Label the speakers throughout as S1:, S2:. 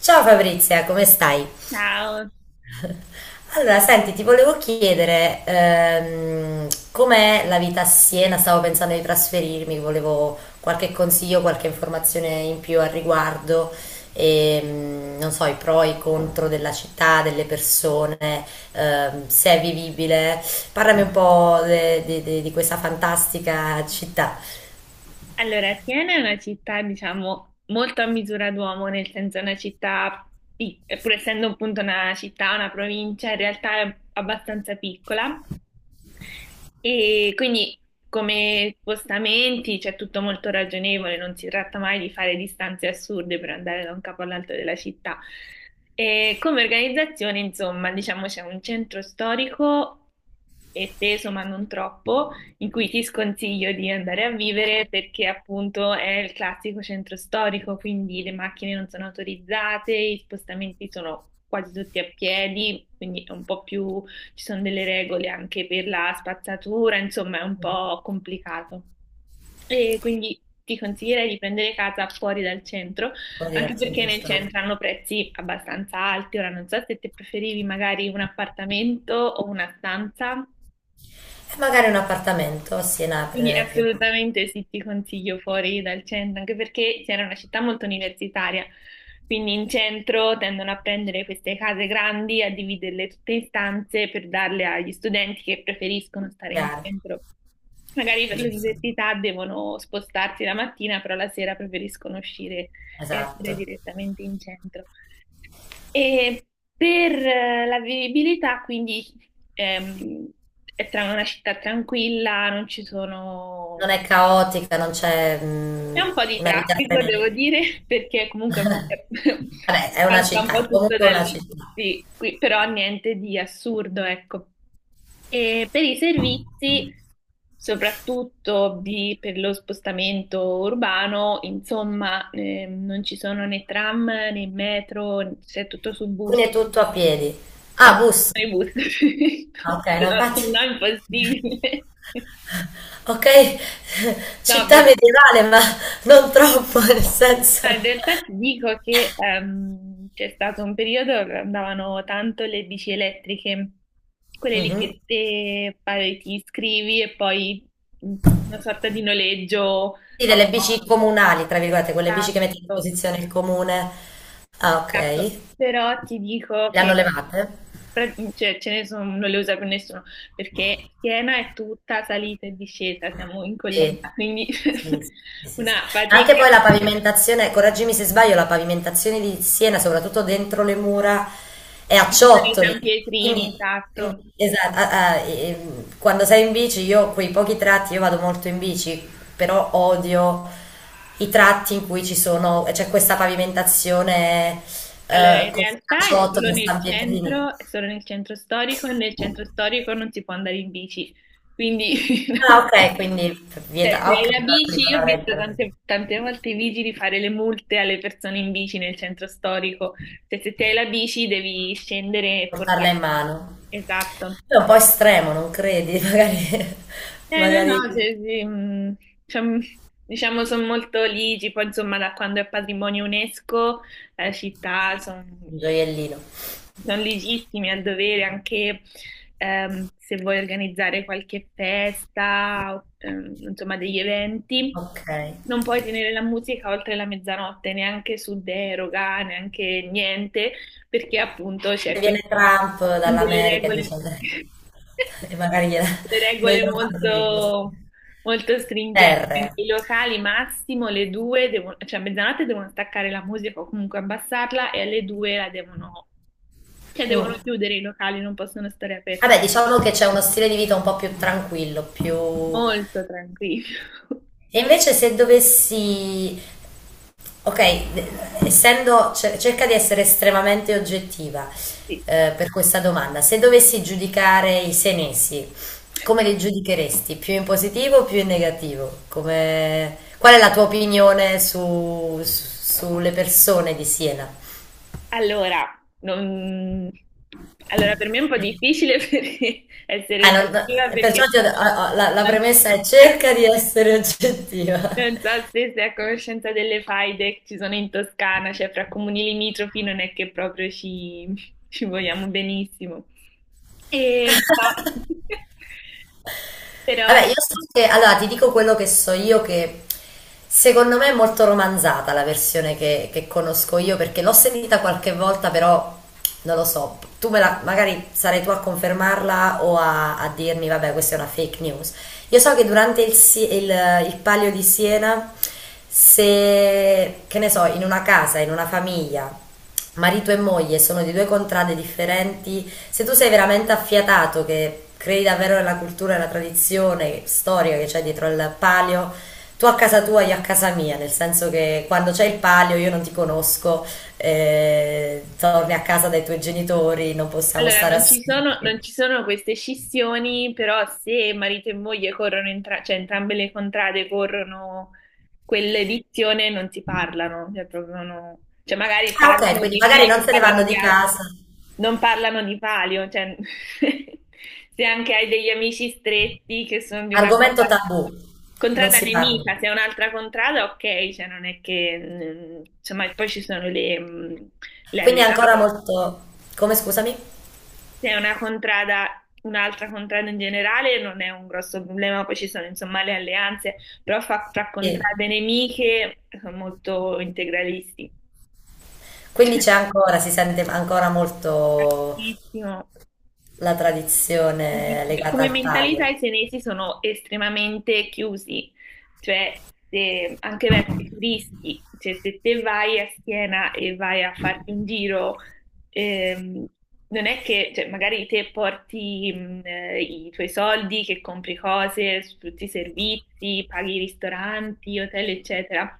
S1: Ciao Fabrizia, come stai?
S2: Ciao,
S1: Allora, senti, ti volevo chiedere com'è la vita a Siena? Stavo pensando di trasferirmi, volevo qualche consiglio, qualche informazione in più al riguardo, non so, i pro e i contro della città, delle persone, se è vivibile. Parlami un po' di questa fantastica città
S2: allora Atene è una città, diciamo, molto a misura d'uomo, nel senso è una città, pur essendo appunto una città, una provincia, in realtà è abbastanza piccola e quindi come spostamenti c'è tutto molto ragionevole, non si tratta mai di fare distanze assurde per andare da un capo all'altro della città. E come organizzazione, insomma, diciamo c'è un centro storico esteso ma non troppo, in cui ti sconsiglio di andare a vivere perché appunto è il classico centro storico, quindi le macchine non sono autorizzate, i spostamenti sono quasi tutti a piedi, quindi è un po' più, ci sono delle regole anche per la spazzatura, insomma è un po' complicato. E quindi ti consiglierei di prendere casa fuori dal centro,
S1: fuori
S2: anche
S1: dal
S2: perché
S1: centro
S2: nel
S1: storico.
S2: centro hanno prezzi abbastanza alti. Ora non so se te preferivi magari un appartamento o una stanza.
S1: E magari un appartamento a Siena
S2: Quindi
S1: prenderei più
S2: assolutamente sì, ti consiglio fuori dal centro, anche perché Siena è una città molto universitaria, quindi in centro tendono a prendere queste case grandi, a dividerle tutte in stanze per darle agli studenti che preferiscono stare in
S1: chiaro,
S2: centro. Magari per
S1: giusto?
S2: l'università devono spostarsi la mattina, però la sera preferiscono uscire e
S1: Esatto.
S2: essere direttamente in centro. E per la vivibilità, quindi ehm, è una città tranquilla, non ci sono.
S1: Non è caotica, non c'è
S2: C'è un po' di
S1: una vita
S2: traffico, devo
S1: frenetica.
S2: dire, perché comunque
S1: Vabbè, è una
S2: passa un po'
S1: città, è
S2: tutto
S1: comunque
S2: da
S1: una
S2: lì,
S1: città.
S2: sì, però niente di assurdo, ecco. E per i servizi, soprattutto per lo spostamento urbano, insomma, non ci sono né tram né metro, c'è tutto su
S1: Quindi
S2: bus.
S1: è tutto a piedi.
S2: No,
S1: Ah, bus.
S2: sui bus,
S1: Ah, ok, no,
S2: no,
S1: infatti.
S2: no, impossibile.
S1: Ok,
S2: No,
S1: città
S2: perché.
S1: medievale, ma non troppo, nel
S2: Ma in
S1: senso.
S2: realtà ti dico che c'è stato un periodo che andavano tanto le bici elettriche, quelle lì
S1: Mhm.
S2: che te pare ti iscrivi e poi mh, una sorta di noleggio
S1: Sì, delle bici
S2: autonomo.
S1: comunali, tra virgolette, quelle bici che mette a
S2: Esatto,
S1: disposizione il comune. Ah,
S2: esatto.
S1: ok.
S2: Però ti dico
S1: Le hanno
S2: che
S1: levate?
S2: cioè, ce ne sono, non le usa più nessuno, perché Siena è tutta salita e discesa, siamo in collina,
S1: Sì,
S2: quindi
S1: sì, sì, sì, sì.
S2: una
S1: Ma anche
S2: fatica.
S1: poi la pavimentazione, correggimi se sbaglio, la pavimentazione di Siena, soprattutto dentro le mura, è a
S2: Sì, ci sono i
S1: ciottoli.
S2: San Pietrini,
S1: Quindi,
S2: esatto.
S1: quindi, esatto, ah, ah, quando sei in bici, io quei pochi tratti, io vado molto in bici, però odio i tratti in cui ci sono, c'è questa pavimentazione
S2: Allora, in
S1: così a
S2: realtà è solo
S1: ciottoli, a
S2: nel
S1: San Pietrini.
S2: centro, è solo nel centro storico, e nel centro storico non si può andare in bici, quindi
S1: Ah,
S2: no.
S1: ok, quindi vieta.
S2: Cioè,
S1: Ah,
S2: se
S1: ok,
S2: hai la
S1: allora qui
S2: bici,
S1: non
S2: io ho
S1: avrei il
S2: visto tante,
S1: problema.
S2: tante volte i vigili fare le multe alle persone in bici nel centro storico, cioè se ti hai la bici devi scendere e
S1: Portarla in
S2: portare.
S1: mano.
S2: Esatto.
S1: È un po' estremo, non credi? Magari,
S2: Eh no, no,
S1: magari
S2: sì, sì, diciamo, diciamo sono molto ligi, poi insomma da quando è patrimonio UNESCO la città son-.
S1: un gioiellino.
S2: Sono legittimi al dovere anche se vuoi organizzare qualche festa, o, insomma degli eventi,
S1: Ok.
S2: non puoi tenere la musica oltre la mezzanotte, neanche su deroga, neanche niente, perché appunto
S1: Se
S2: c'è
S1: viene
S2: questa
S1: Trump
S2: delle
S1: dall'America e dice,
S2: regole,
S1: e magari gliela,
S2: delle
S1: non
S2: regole
S1: glielo fanno di cose.
S2: molto, molto stringenti.
S1: R.
S2: I locali massimo le 2 devono, cioè a mezzanotte devono staccare la musica o comunque abbassarla e alle 2 la devono, cioè,
S1: Mm.
S2: devono chiudere i locali, non possono stare aperti.
S1: Vabbè, diciamo che c'è uno stile di vita un po' più tranquillo, più...
S2: Molto tranquillo.
S1: E invece se dovessi Ok, essendo, cerca di essere estremamente oggettiva
S2: Sì.
S1: per questa domanda. Se dovessi giudicare i senesi, come li giudicheresti? Più in positivo o più in negativo? Qual è la tua opinione sulle persone di Siena?
S2: Allora, non- allora, per me è un po' difficile perché essere
S1: Ah,
S2: oggettiva
S1: no, perciò
S2: perché
S1: ti
S2: ci sono.
S1: la
S2: Non.
S1: premessa è cerca di essere oggettiva.
S2: Non so se sei a conoscenza delle faide che ci sono in Toscana, cioè fra comuni limitrofi non è che proprio ci, ci vogliamo benissimo. E però. Però
S1: Vabbè, io so che, allora ti dico quello che so io, che secondo me è molto romanzata la versione che conosco io, perché l'ho sentita qualche volta, però non lo so, tu me la, magari sarai tu a confermarla o a dirmi, vabbè, questa è una fake news. Io so che durante il Palio di Siena, se, che ne so, in una casa, in una famiglia, marito e moglie sono di due contrade differenti. Se tu sei veramente affiatato, che credi davvero nella cultura e nella tradizione storica che c'è dietro al palio, tu a casa tua, io a casa mia, nel senso che quando c'è il palio io non ti conosco, torni a casa dai tuoi genitori, non possiamo
S2: allora,
S1: stare
S2: non ci sono, non
S1: assieme.
S2: ci sono queste scissioni, però se marito e moglie corrono, cioè entrambe le contrade corrono quell'edizione, non si parlano, cioè, proprio cioè magari
S1: Ah, ok,
S2: parlano
S1: quindi
S2: di
S1: magari
S2: figli,
S1: non se ne
S2: parlano
S1: vanno
S2: di
S1: di
S2: altri,
S1: casa.
S2: non parlano di palio, cioè, se anche hai degli amici stretti che sono di una
S1: Argomento
S2: contrada,
S1: tabù, non
S2: contrada
S1: si parla.
S2: nemica, se è un'altra contrada, ok, cioè non è che, insomma, poi ci sono le, le
S1: Quindi è
S2: alleanze.
S1: ancora molto... Come scusami?
S2: Se è una contrada, un'altra contrada in generale non è un grosso problema, poi ci sono insomma le alleanze, però fra
S1: Sì.
S2: contrade nemiche sono molto integralisti.
S1: Quindi
S2: Cioè,
S1: c'è ancora, si sente ancora molto
S2: pochissimo.
S1: la tradizione legata
S2: Come
S1: al
S2: mentalità
S1: taglio.
S2: i senesi sono estremamente chiusi, cioè anche verso i turisti, cioè se te vai a Siena e vai a farti un giro, ehm, non è che cioè, magari te porti i tuoi soldi, che compri cose, su tutti i servizi, paghi i ristoranti, hotel, eccetera.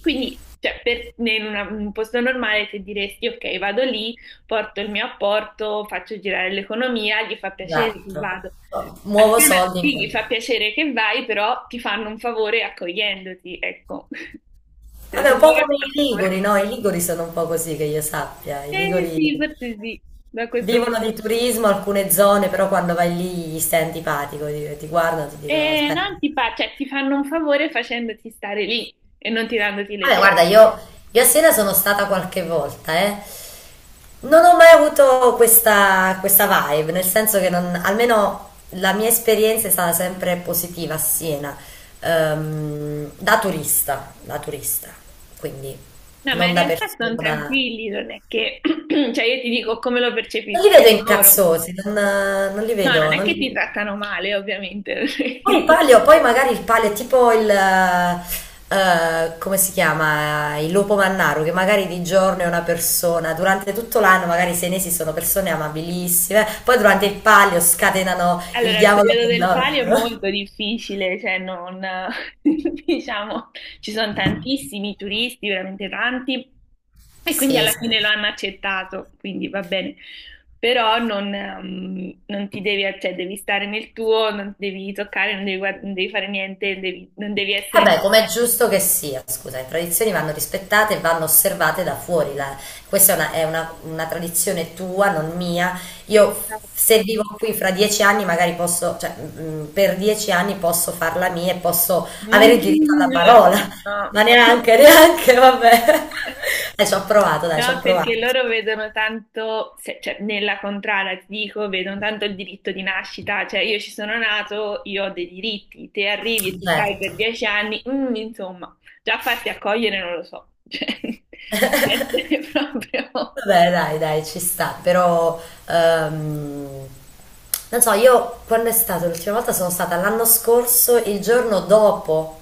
S2: Quindi, cioè, in in un posto normale ti diresti, ok, vado lì, porto il mio apporto, faccio girare l'economia, gli fa piacere che
S1: Esatto.
S2: vado.
S1: Muovo
S2: Assieme a
S1: soldi in
S2: Siena sì, gli
S1: quel...
S2: fa piacere che vai, però ti fanno un favore accogliendoti, ecco. Cioè,
S1: Vabbè,
S2: se
S1: un po'
S2: loro ti
S1: come i
S2: fanno un
S1: Liguri,
S2: favore.
S1: no? I Liguri sono un po' così che io sappia. I
S2: Eh
S1: Liguri
S2: sì, forse sì, da questo punto.
S1: vivono di turismo alcune zone, però quando vai lì gli stai antipatico, ti guardano, ti dicono
S2: E
S1: aspetta.
S2: non ti fa, cioè, ti fanno un favore facendoti stare lì e non tirandoti le
S1: Vabbè,
S2: pietre.
S1: guarda, io a Siena sono stata qualche volta, eh. Non ho mai avuto questa vibe, nel senso che non, almeno la mia esperienza è stata sempre positiva a Siena, da turista, quindi
S2: No, ma
S1: non
S2: in
S1: da
S2: realtà sono
S1: persona.
S2: tranquilli, non è che. Cioè, io ti dico come lo
S1: Non li
S2: percepiscono
S1: vedo
S2: loro.
S1: incazzosi, non li
S2: No, non
S1: vedo,
S2: è
S1: non
S2: che
S1: li
S2: ti trattano male, ovviamente.
S1: Poi il palio, poi magari il palio è tipo il, come si chiama? Il lupo mannaro, che magari di giorno è una persona, durante tutto l'anno magari i senesi sono persone amabilissime, poi durante il palio scatenano il
S2: Allora, il
S1: diavolo
S2: periodo del
S1: dell'odio.
S2: palio è molto difficile, cioè non, diciamo, ci sono tantissimi turisti, veramente tanti, e quindi
S1: Sì,
S2: alla fine lo
S1: sì.
S2: hanno accettato, quindi va bene. Però non, non ti devi, cioè devi stare nel tuo, non devi toccare, non devi, non devi fare niente, non devi
S1: Eh
S2: essere.
S1: beh, com'è giusto che sia, scusa, le tradizioni vanno rispettate e vanno osservate da fuori. Questa è una tradizione tua, non mia. Io se
S2: Esatto.
S1: vivo qui fra 10 anni, magari posso, cioè, per 10 anni posso farla mia e posso avere il diritto
S2: Mm,
S1: alla
S2: lo
S1: parola,
S2: so, no.
S1: ma neanche, neanche, vabbè. Ci ho provato, dai, ci ho
S2: No, perché
S1: provato.
S2: loro vedono tanto, cioè nella contrada ti dico, vedono tanto il diritto di nascita, cioè io ci sono nato, io ho dei diritti, te arrivi e se stai per
S1: Certo.
S2: 10 anni, insomma, già farsi accogliere non lo so, cioè di essere proprio
S1: Vabbè, dai, dai, ci sta, però ehm, non so, io quando è stata l'ultima volta sono stata l'anno scorso, il giorno dopo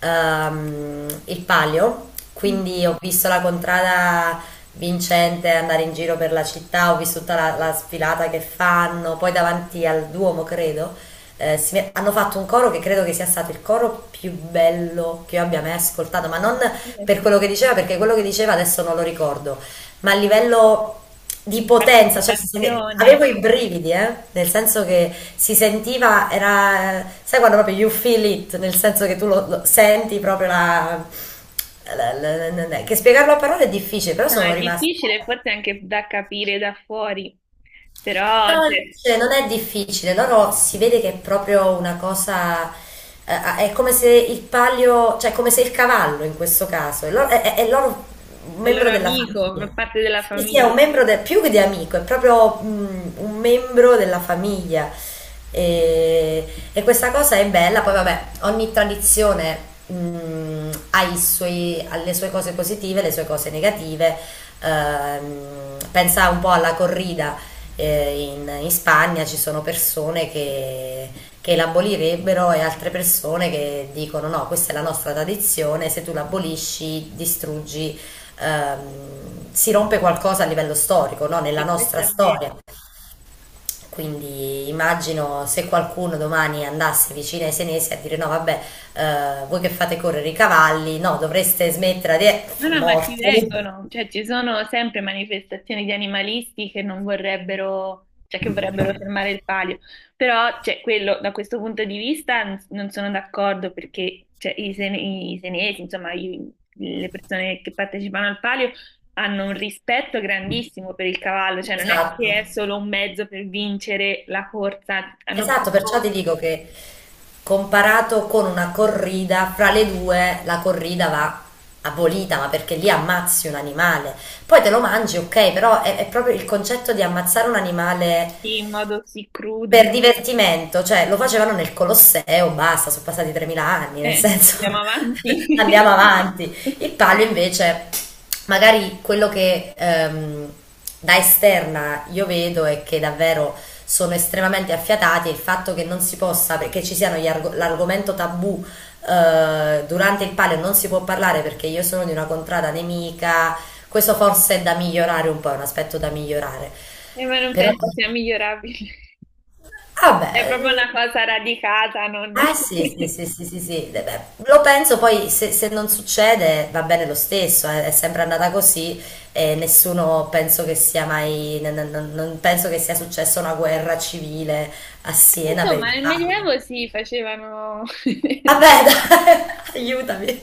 S1: il palio, quindi ho visto la contrada vincente andare in giro per la città, ho visto tutta la sfilata che fanno, poi davanti al Duomo, credo, hanno fatto un coro che credo che sia stato il coro più bello che io abbia mai ascoltato, ma non per quello che diceva, perché quello che diceva adesso non lo ricordo ma a livello di
S2: di
S1: potenza, cioè
S2: partecipazione.
S1: avevo i brividi, nel senso che si sentiva, era, sai quando proprio you feel it, nel senso che tu lo senti proprio che spiegarlo a parole è difficile, però
S2: No,
S1: sono
S2: è difficile forse anche da capire da fuori, però cioè,
S1: Cioè, non è difficile, loro si vede che è proprio una cosa, è come se il palio, cioè come se il cavallo in questo caso, è loro, è loro un
S2: è il loro
S1: membro della
S2: amico, fa
S1: famiglia.
S2: parte della
S1: Sì, sì, è
S2: famiglia,
S1: un membro più che di amico, è proprio un membro della famiglia. E, e questa cosa è bella, poi vabbè, ogni tradizione ha le sue cose positive, le sue cose negative. Pensa un po' alla corrida in Spagna ci sono persone che, l'abolirebbero e altre persone che dicono no, questa è la nostra tradizione, se tu l'abolisci distruggi, si rompe qualcosa a livello storico, no? Nella
S2: sì,
S1: nostra
S2: questo è vero.
S1: storia. Quindi immagino se qualcuno domani andasse vicino ai senesi a dire no, vabbè, voi che fate correre i cavalli, no, dovreste smettere
S2: No,
S1: di...
S2: no, ma ci
S1: morto.
S2: vengono, cioè ci sono sempre manifestazioni di animalisti che non vorrebbero, cioè che vorrebbero fermare il palio, però cioè, quello, da questo punto di vista non sono d'accordo perché cioè, i, i senesi, insomma le persone che partecipano al palio hanno un rispetto grandissimo per il cavallo, cioè non è
S1: Esatto.
S2: che è solo un mezzo per vincere la corsa, hanno
S1: Esatto, perciò ti
S2: proprio
S1: dico che comparato con una corrida, fra le due la corrida va abolita, ma perché lì ammazzi un animale. Poi te lo mangi, ok, però è proprio il concetto di ammazzare un animale
S2: in modo così crudo,
S1: per divertimento, cioè lo facevano nel Colosseo, basta, sono passati 3.000 anni, nel senso
S2: andiamo
S1: andiamo
S2: avanti.
S1: avanti. Il palio invece, magari quello che da esterna io vedo è che davvero sono estremamente affiatati e il fatto che non si possa, che ci siano l'argomento tabù durante il palio non si può parlare perché io sono di una contrada nemica, questo forse è da migliorare un po', è un aspetto da migliorare.
S2: Ma non
S1: Però.
S2: penso sia migliorabile.
S1: Ah
S2: È proprio
S1: beh, mm,
S2: una cosa radicata, non.
S1: eh sì, sì, sì, sì, sì, sì. Beh, lo penso poi se non succede va bene lo stesso, è sempre andata così e nessuno penso che sia mai, non penso che sia successa una guerra civile a Siena per
S2: Insomma,
S1: il
S2: nel
S1: fango.
S2: Medioevo si facevano.
S1: Vabbè, dai, aiutami,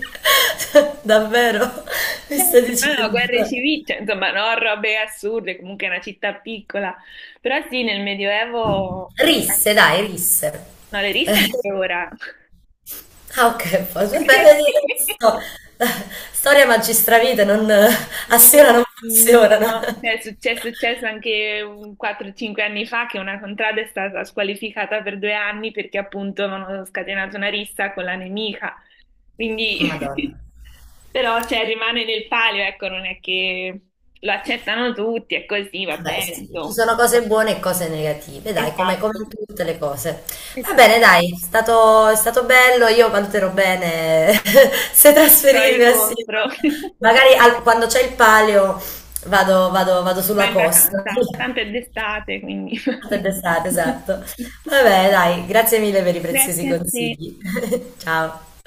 S1: davvero, mi stai
S2: Certo, ma no,
S1: dicendo.
S2: guerre civili, cioè, insomma, no, robe assurde, comunque è una città piccola. Però sì, nel Medioevo. eh,
S1: Risse, dai, risse.
S2: No, le risse anche ora.
S1: Ah ok, poi beh, vedi, non so. Storia magistravita non, a Siena
S2: Mm,
S1: non funzionano.
S2: no, cioè, è successo anche un 4-5 anni fa che una contrada è stata squalificata per 2 anni perché appunto avevano scatenato una rissa con la nemica. Quindi,
S1: Madonna.
S2: però, cioè, rimane nel palio, ecco, non è che lo accettano tutti, è così, va
S1: Beh,
S2: bene,
S1: sì, ci
S2: insomma.
S1: sono cose buone e cose negative, dai, come
S2: Esatto,
S1: in tutte le cose. Va
S2: esatto.
S1: bene, dai, è stato bello, io valuterò bene se
S2: Pro
S1: trasferirmi
S2: e
S1: a Siena.
S2: contro.
S1: Magari quando c'è il palio vado
S2: Ma
S1: sulla
S2: in
S1: costa.
S2: vacanza, tanto è d'estate, quindi.
S1: Fatta d'estate, esatto. Vabbè, dai, grazie mille per i preziosi
S2: Grazie a te.
S1: consigli. Ciao.